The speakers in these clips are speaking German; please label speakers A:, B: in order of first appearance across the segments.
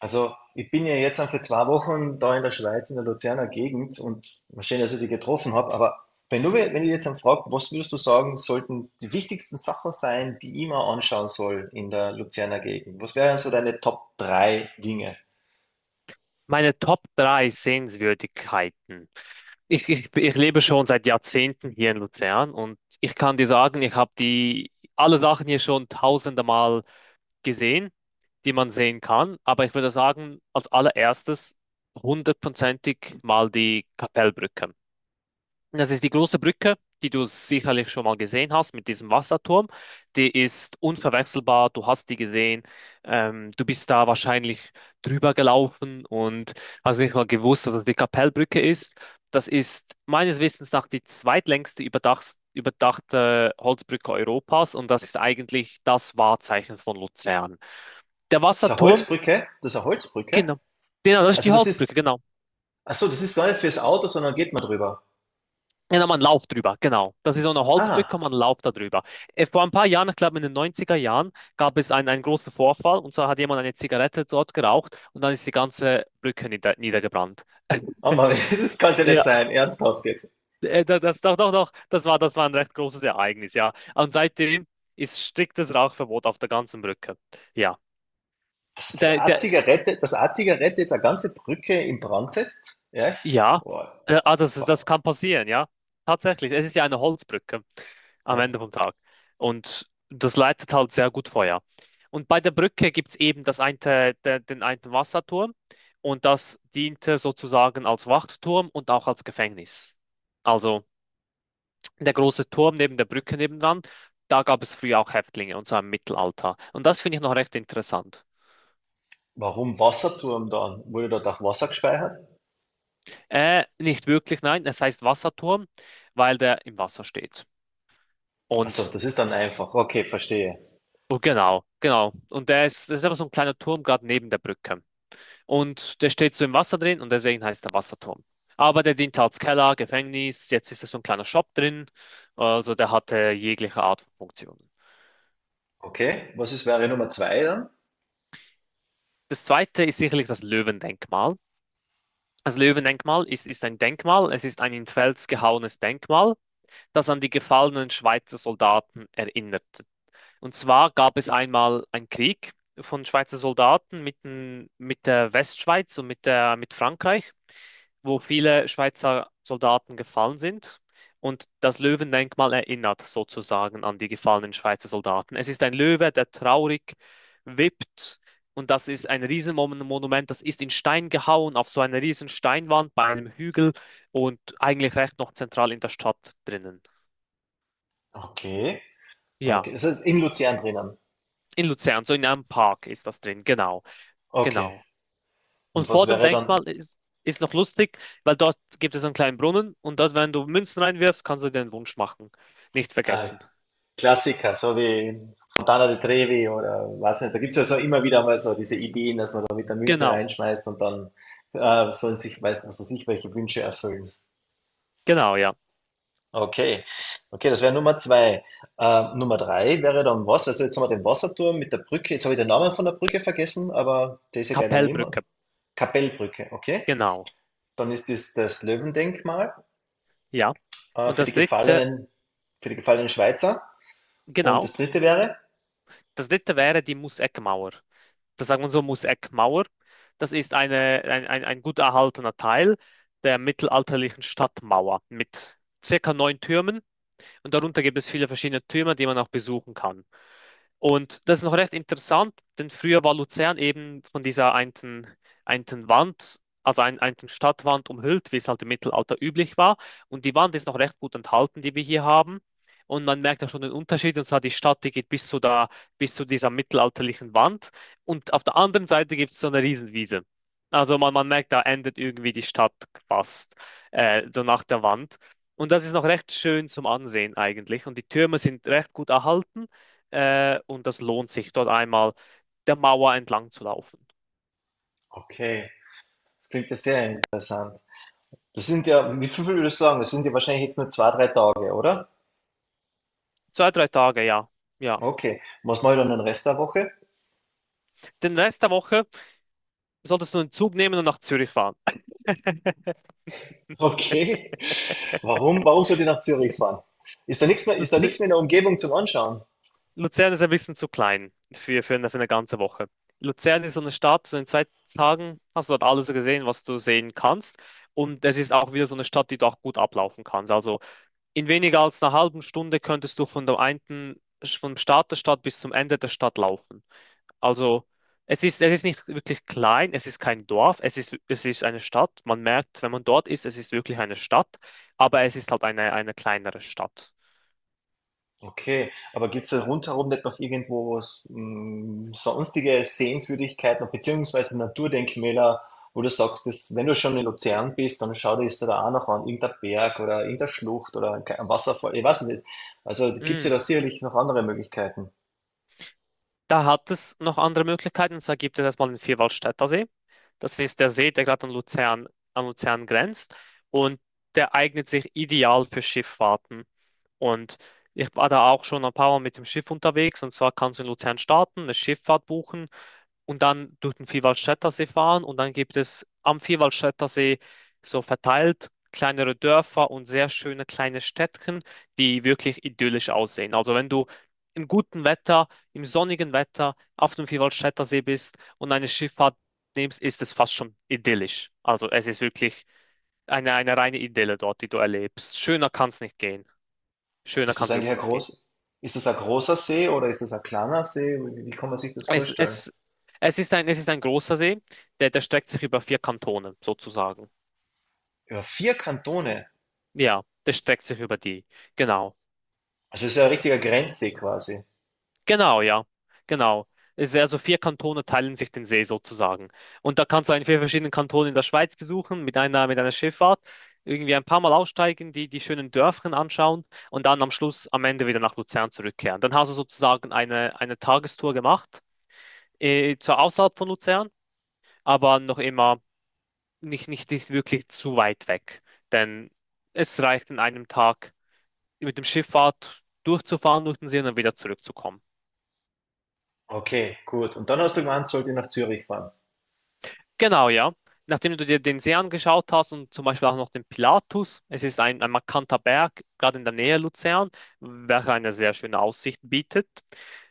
A: Also, ich bin ja jetzt für 2 Wochen da in der Schweiz, in der Luzerner Gegend und mal schön, dass ich dich getroffen habe. Aber wenn du, mir- wenn ich jetzt dann frage, was würdest du sagen, sollten die wichtigsten Sachen sein, die ich mir anschauen soll in der Luzerner Gegend? Was wären so deine Top drei Dinge?
B: Meine Top 3 Sehenswürdigkeiten. Ich lebe schon seit Jahrzehnten hier in Luzern und ich kann dir sagen, ich habe die alle Sachen hier schon tausende Mal gesehen, die man sehen kann. Aber ich würde sagen, als allererstes hundertprozentig mal die Kapellbrücke. Das ist die große Brücke, die du sicherlich schon mal gesehen hast mit diesem Wasserturm. Die ist unverwechselbar, du hast die gesehen. Du bist da wahrscheinlich drüber gelaufen und hast nicht mal gewusst, dass es die Kapellbrücke ist. Das ist meines Wissens nach die zweitlängste überdachte Holzbrücke Europas und das ist eigentlich das Wahrzeichen von Luzern. Der
A: Das ist eine
B: Wasserturm,
A: Holzbrücke, das ist eine Holzbrücke.
B: genau. Genau, das ist
A: Also,
B: die Holzbrücke, genau.
A: ach so, das ist gar nicht fürs Auto, sondern geht man drüber.
B: Ja, nochmal einen Lauf drüber, genau. Das ist so eine Holzbrücke,
A: Ah,
B: man einen Lauf da drüber. Vor ein paar Jahren, ich glaube in den 90er Jahren, gab es einen großen Vorfall und zwar hat jemand eine Zigarette dort geraucht und dann ist die ganze Brücke niedergebrannt.
A: oh Mann, das kann es ja nicht
B: Ja,
A: sein, ernsthaft jetzt.
B: doch, doch, doch, das war ein recht großes Ereignis, ja. Und seitdem ist striktes Rauchverbot auf der ganzen Brücke. Ja.
A: Dass das
B: Der, der,
A: A-Zigarette, das A-Zigarette jetzt eine ganze Brücke in Brand setzt? Ja?
B: Ja,
A: Boah.
B: das kann passieren, ja. Tatsächlich, es ist ja eine Holzbrücke am Ende
A: Ja.
B: vom Tag. Und das leitet halt sehr gut Feuer. Und bei der Brücke gibt es eben den einen Wasserturm und das diente sozusagen als Wachturm und auch als Gefängnis. Also der große Turm neben der Brücke nebendran, da gab es früher auch Häftlinge und zwar im Mittelalter. Und das finde ich noch recht interessant.
A: Warum Wasserturm dann? Wurde dort auch Wasser gespeichert?
B: Nicht wirklich, nein, es heißt Wasserturm, weil der im Wasser steht.
A: Ach so,
B: Und.
A: das ist dann einfach. Okay, verstehe.
B: Oh, genau, genau. Und der ist, das ist aber so ein kleiner Turm gerade neben der Brücke. Und der steht so im Wasser drin und deswegen heißt der Wasserturm. Aber der diente als Keller, Gefängnis, jetzt ist da so ein kleiner Shop drin. Also der hatte jegliche Art von Funktionen.
A: Okay, was ist wäre Nummer zwei dann?
B: Das zweite ist sicherlich das Löwendenkmal. Das Löwendenkmal ist ein Denkmal, es ist ein in Fels gehauenes Denkmal, das an die gefallenen Schweizer Soldaten erinnert. Und zwar gab es einmal einen Krieg von Schweizer Soldaten mit der Westschweiz und mit Frankreich, wo viele Schweizer Soldaten gefallen sind. Und das Löwendenkmal erinnert sozusagen an die gefallenen Schweizer Soldaten. Es ist ein Löwe, der traurig wippt. Und das ist ein Riesenmonument, das ist in Stein gehauen, auf so einer riesen Steinwand bei einem Hügel und eigentlich recht noch zentral in der Stadt drinnen.
A: Okay,
B: Ja,
A: okay, das ist in Luzern drinnen.
B: in Luzern, so in einem Park ist das drin, genau,
A: Okay,
B: genau. Und
A: und was
B: vor dem
A: wäre dann
B: Denkmal ist noch lustig, weil dort gibt es einen kleinen Brunnen und dort, wenn du Münzen reinwirfst, kannst du dir Wunsch machen. Nicht
A: ein
B: vergessen.
A: Klassiker, so wie Fontana di Trevi oder was nicht? Da gibt es ja so immer wieder mal so diese Ideen, dass man da mit der Münze
B: Genau,
A: reinschmeißt und dann sollen sich, weiß was weiß ich, welche Wünsche erfüllen.
B: genau, ja.
A: Okay, okay, das wäre Nummer zwei. Nummer drei wäre dann was? Also jetzt haben wir den Wasserturm mit der Brücke. Jetzt habe ich den Namen von der Brücke vergessen, aber der ist ja gleich daneben.
B: Kapellbrücke,
A: Kapellbrücke, okay.
B: genau,
A: Dann ist das das Löwendenkmal
B: ja.
A: äh,
B: Und
A: für die
B: das dritte,
A: gefallenen, für die gefallenen Schweizer. Und das
B: genau,
A: dritte wäre?
B: das dritte wäre die Museckmauer. Das sagt man so, Museckmauer. Das ist ein gut erhaltener Teil der mittelalterlichen Stadtmauer mit circa neun Türmen und darunter gibt es viele verschiedene Türme, die man auch besuchen kann. Und das ist noch recht interessant, denn früher war Luzern eben von dieser einten Wand, also einten Stadtwand umhüllt, wie es halt im Mittelalter üblich war. Und die Wand ist noch recht gut enthalten, die wir hier haben. Und man merkt da schon den Unterschied. Und zwar die Stadt, die geht bis zu da, bis zu dieser mittelalterlichen Wand. Und auf der anderen Seite gibt es so eine Riesenwiese. Also man merkt, da endet irgendwie die Stadt fast, so nach der Wand. Und das ist noch recht schön zum Ansehen eigentlich. Und die Türme sind recht gut erhalten. Und das lohnt sich, dort einmal der Mauer entlang zu laufen.
A: Okay, das klingt ja sehr interessant. Das sind ja, wie viel würdest du sagen? Das sind ja wahrscheinlich jetzt nur 2, 3 Tage, oder?
B: Zwei, drei Tage, ja. Ja.
A: Okay. Und was mache ich dann den Rest der Woche?
B: Den Rest der Woche solltest du einen Zug nehmen und nach Zürich fahren.
A: Okay. Warum sollt ihr nach Zürich fahren? Ist da nichts mehr, ist da nichts
B: Luzi-
A: mehr in der Umgebung zum Anschauen?
B: Luzern ist ein bisschen zu klein für eine ganze Woche. Luzern ist so eine Stadt, so in 2 Tagen hast du dort alles gesehen, was du sehen kannst. Und es ist auch wieder so eine Stadt, die du auch gut ablaufen kannst. Also in weniger als einer halben Stunde könntest du von der einen, vom Start der Stadt bis zum Ende der Stadt laufen. Also es ist nicht wirklich klein, es ist kein Dorf, es ist eine Stadt. Man merkt, wenn man dort ist, es ist wirklich eine Stadt, aber es ist halt eine kleinere Stadt.
A: Okay, aber gibt es da rundherum nicht noch irgendwo was, sonstige Sehenswürdigkeiten beziehungsweise Naturdenkmäler, wo du sagst, dass, wenn du schon in Luzern bist, dann schau dir das da auch noch an, irgendein Berg oder irgendeine Schlucht oder ein Wasserfall, ich weiß es nicht. Also gibt es ja
B: Mm.
A: da sicherlich noch andere Möglichkeiten.
B: Da hat es noch andere Möglichkeiten, und zwar gibt es erstmal den Vierwaldstätter See. Das ist der See, der gerade an Luzern grenzt und der eignet sich ideal für Schifffahrten. Und ich war da auch schon ein paar Mal mit dem Schiff unterwegs und zwar kannst du in Luzern starten, eine Schifffahrt buchen und dann durch den Vierwaldstättersee fahren und dann gibt es am Vierwaldstättersee so verteilt kleinere Dörfer und sehr schöne kleine Städtchen, die wirklich idyllisch aussehen. Also wenn du im guten Wetter, im sonnigen Wetter auf dem Vierwaldstättersee bist und eine Schifffahrt nimmst, ist es fast schon idyllisch. Also es ist wirklich eine reine Idylle dort, die du erlebst. Schöner kann es nicht gehen. Schöner
A: Ist
B: kann
A: das
B: es
A: eigentlich
B: wirklich
A: ein
B: nicht gehen.
A: groß, ist das ein großer See oder ist das ein kleiner See? Wie kann man sich das
B: Es,
A: vorstellen?
B: es, es ist ein großer See, der streckt sich über vier Kantone sozusagen.
A: Über vier Kantone.
B: Ja, das streckt sich über die. Genau.
A: Also es ist ja ein richtiger Grenzsee quasi.
B: Genau, ja. Genau. Es- ist Also vier Kantone teilen sich den See sozusagen. Und da kannst du einen vier verschiedenen Kantonen in der Schweiz besuchen, mit einer Schifffahrt, irgendwie ein paar Mal aussteigen, die schönen Dörfchen anschauen und dann am Schluss, am Ende wieder nach Luzern zurückkehren. Dann hast du sozusagen eine Tagestour gemacht, zwar außerhalb von Luzern, aber noch immer nicht wirklich zu weit weg. Denn es reicht in einem Tag mit dem Schifffahrt durchzufahren durch den See und dann wieder zurückzukommen.
A: Okay, gut. Und dann hast du gemeint, sollte ich nach Zürich fahren.
B: Genau, ja. Nachdem du dir den See angeschaut hast und zum Beispiel auch noch den Pilatus, es ist ein markanter Berg, gerade in der Nähe Luzern, welcher eine sehr schöne Aussicht bietet.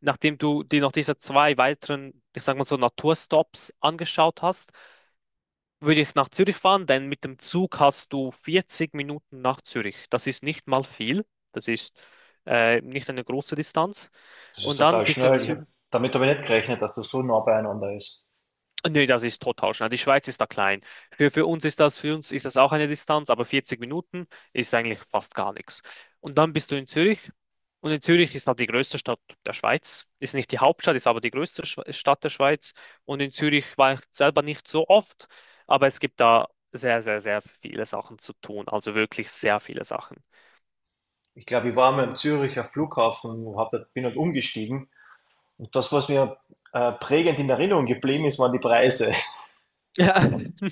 B: Nachdem du dir noch diese zwei weiteren, ich sag mal so, Naturstops angeschaut hast, würde ich nach Zürich fahren, denn mit dem Zug hast du 40 Minuten nach Zürich. Das ist nicht mal viel. Das ist nicht eine große Distanz.
A: Das ist
B: Und dann
A: total
B: bist du in
A: schnell.
B: Zü
A: Damit habe ich nicht gerechnet, dass das so nah beieinander ist.
B: Nee, das ist total schnell. Die Schweiz ist da klein. Für uns ist das, für uns ist das auch eine Distanz, aber 40 Minuten ist eigentlich fast gar nichts. Und dann bist du in Zürich. Und in Zürich ist halt die größte Stadt der Schweiz. Ist nicht die Hauptstadt, ist aber die größte Stadt der Schweiz. Und in Zürich war ich selber nicht so oft, aber es gibt da sehr, sehr, sehr viele Sachen zu tun. Also wirklich sehr viele Sachen.
A: Ich glaube, ich war mal am Züricher Flughafen, bin halt umgestiegen. Und das, was mir prägend in Erinnerung geblieben ist, waren die Preise.
B: Ja.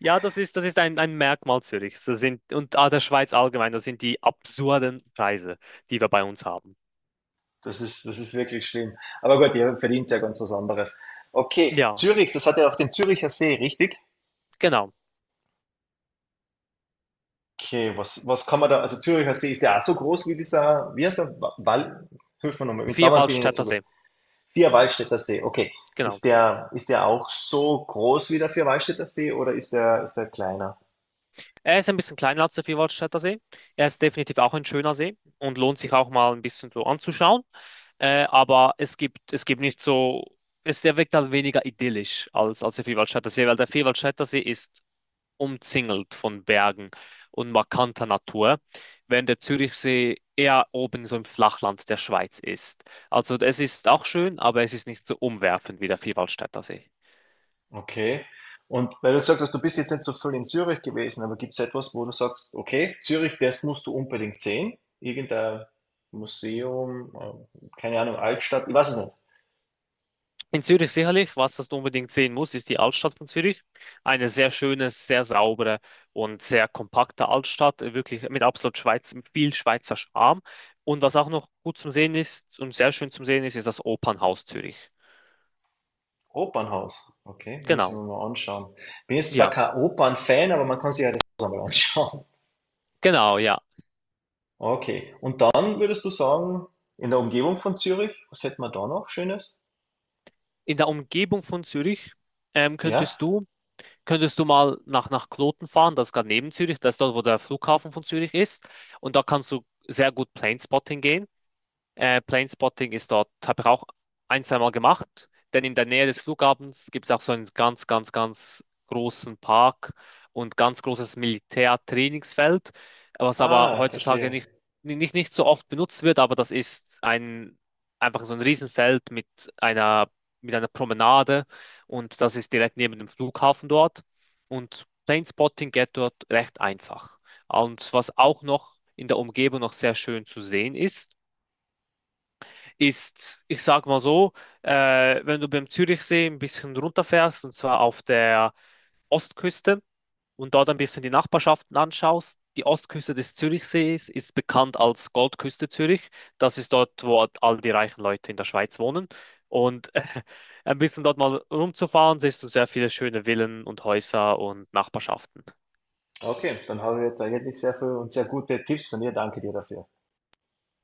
B: Ja, das ist ein Merkmal Zürichs. Das sind, und ah, der Schweiz allgemein, das sind die absurden Preise, die wir bei uns haben.
A: Das ist wirklich schlimm. Aber gut, ihr verdient ja ganz was anderes. Okay,
B: Ja,
A: Zürich, das hat ja auch den Züricher See, richtig?
B: genau.
A: Okay, was kann man da, also Züricher See ist ja auch so groß wie dieser, wie heißt der? Hilf mir nochmal, mit Namen bin ich nicht so
B: Vierwaldstätter
A: gut.
B: See.
A: Vierwaldstätter See, okay.
B: Genau.
A: Ist der auch so groß wie der Vierwaldstätter See oder ist der kleiner?
B: Er ist ein bisschen kleiner als der Vierwaldstätter See. Er ist definitiv auch ein schöner See und lohnt sich auch mal ein bisschen so anzuschauen. Aber es gibt nicht so, es, der wirkt halt weniger idyllisch als der Vierwaldstätter See, weil der Vierwaldstätter See ist umzingelt von Bergen und markanter Natur, während der Zürichsee eher oben so im Flachland der Schweiz ist. Also es ist auch schön, aber es ist nicht so umwerfend wie der Vierwaldstätter See.
A: Okay. Und weil du gesagt hast, du bist jetzt nicht so viel in Zürich gewesen, aber gibt es etwas, wo du sagst, okay, Zürich, das musst du unbedingt sehen? Irgendein Museum, keine Ahnung, Altstadt, ich weiß es nicht.
B: In Zürich sicherlich, was das du unbedingt sehen musst, ist die Altstadt von Zürich. Eine sehr schöne, sehr saubere und sehr kompakte Altstadt, wirklich mit absolut Schweiz, mit viel Schweizer Charme. Und was auch noch gut zum Sehen ist und sehr schön zum Sehen ist, ist das Opernhaus Zürich.
A: Opernhaus, okay, muss ich mir
B: Genau,
A: mal anschauen. Bin jetzt zwar
B: ja,
A: kein Opernfan, aber man kann sich ja das mal anschauen.
B: genau, ja.
A: Okay, und dann würdest du sagen, in der Umgebung von Zürich, was hätten wir da noch Schönes?
B: In der Umgebung von Zürich ähm,
A: Ja?
B: könntest du, könntest du mal nach Kloten fahren, das ist gerade neben Zürich, das ist dort, wo der Flughafen von Zürich ist. Und da kannst du sehr gut Planespotting gehen. Planespotting ist dort, habe ich auch ein, zwei Mal gemacht, denn in der Nähe des Flughafens gibt es auch so einen ganz, ganz, ganz großen Park und ganz großes Militärtrainingsfeld, was aber
A: Ah,
B: heutzutage
A: verstehe.
B: nicht so oft benutzt wird, aber das ist ein, einfach so ein Riesenfeld einer, mit einer Promenade und das ist direkt neben dem Flughafen dort und Planespotting geht dort recht einfach. Und was auch noch in der Umgebung noch sehr schön zu sehen ist, ist, ich sag mal so, wenn du beim Zürichsee ein bisschen runterfährst, und zwar auf der Ostküste und dort ein bisschen die Nachbarschaften anschaust, die Ostküste des Zürichsees ist bekannt als Goldküste Zürich. Das ist dort, wo all die reichen Leute in der Schweiz wohnen. Und ein bisschen dort mal rumzufahren, siehst du sehr viele schöne Villen und Häuser und Nachbarschaften.
A: Okay, dann haben wir jetzt eigentlich sehr viel und sehr gute Tipps von dir. Danke dir dafür.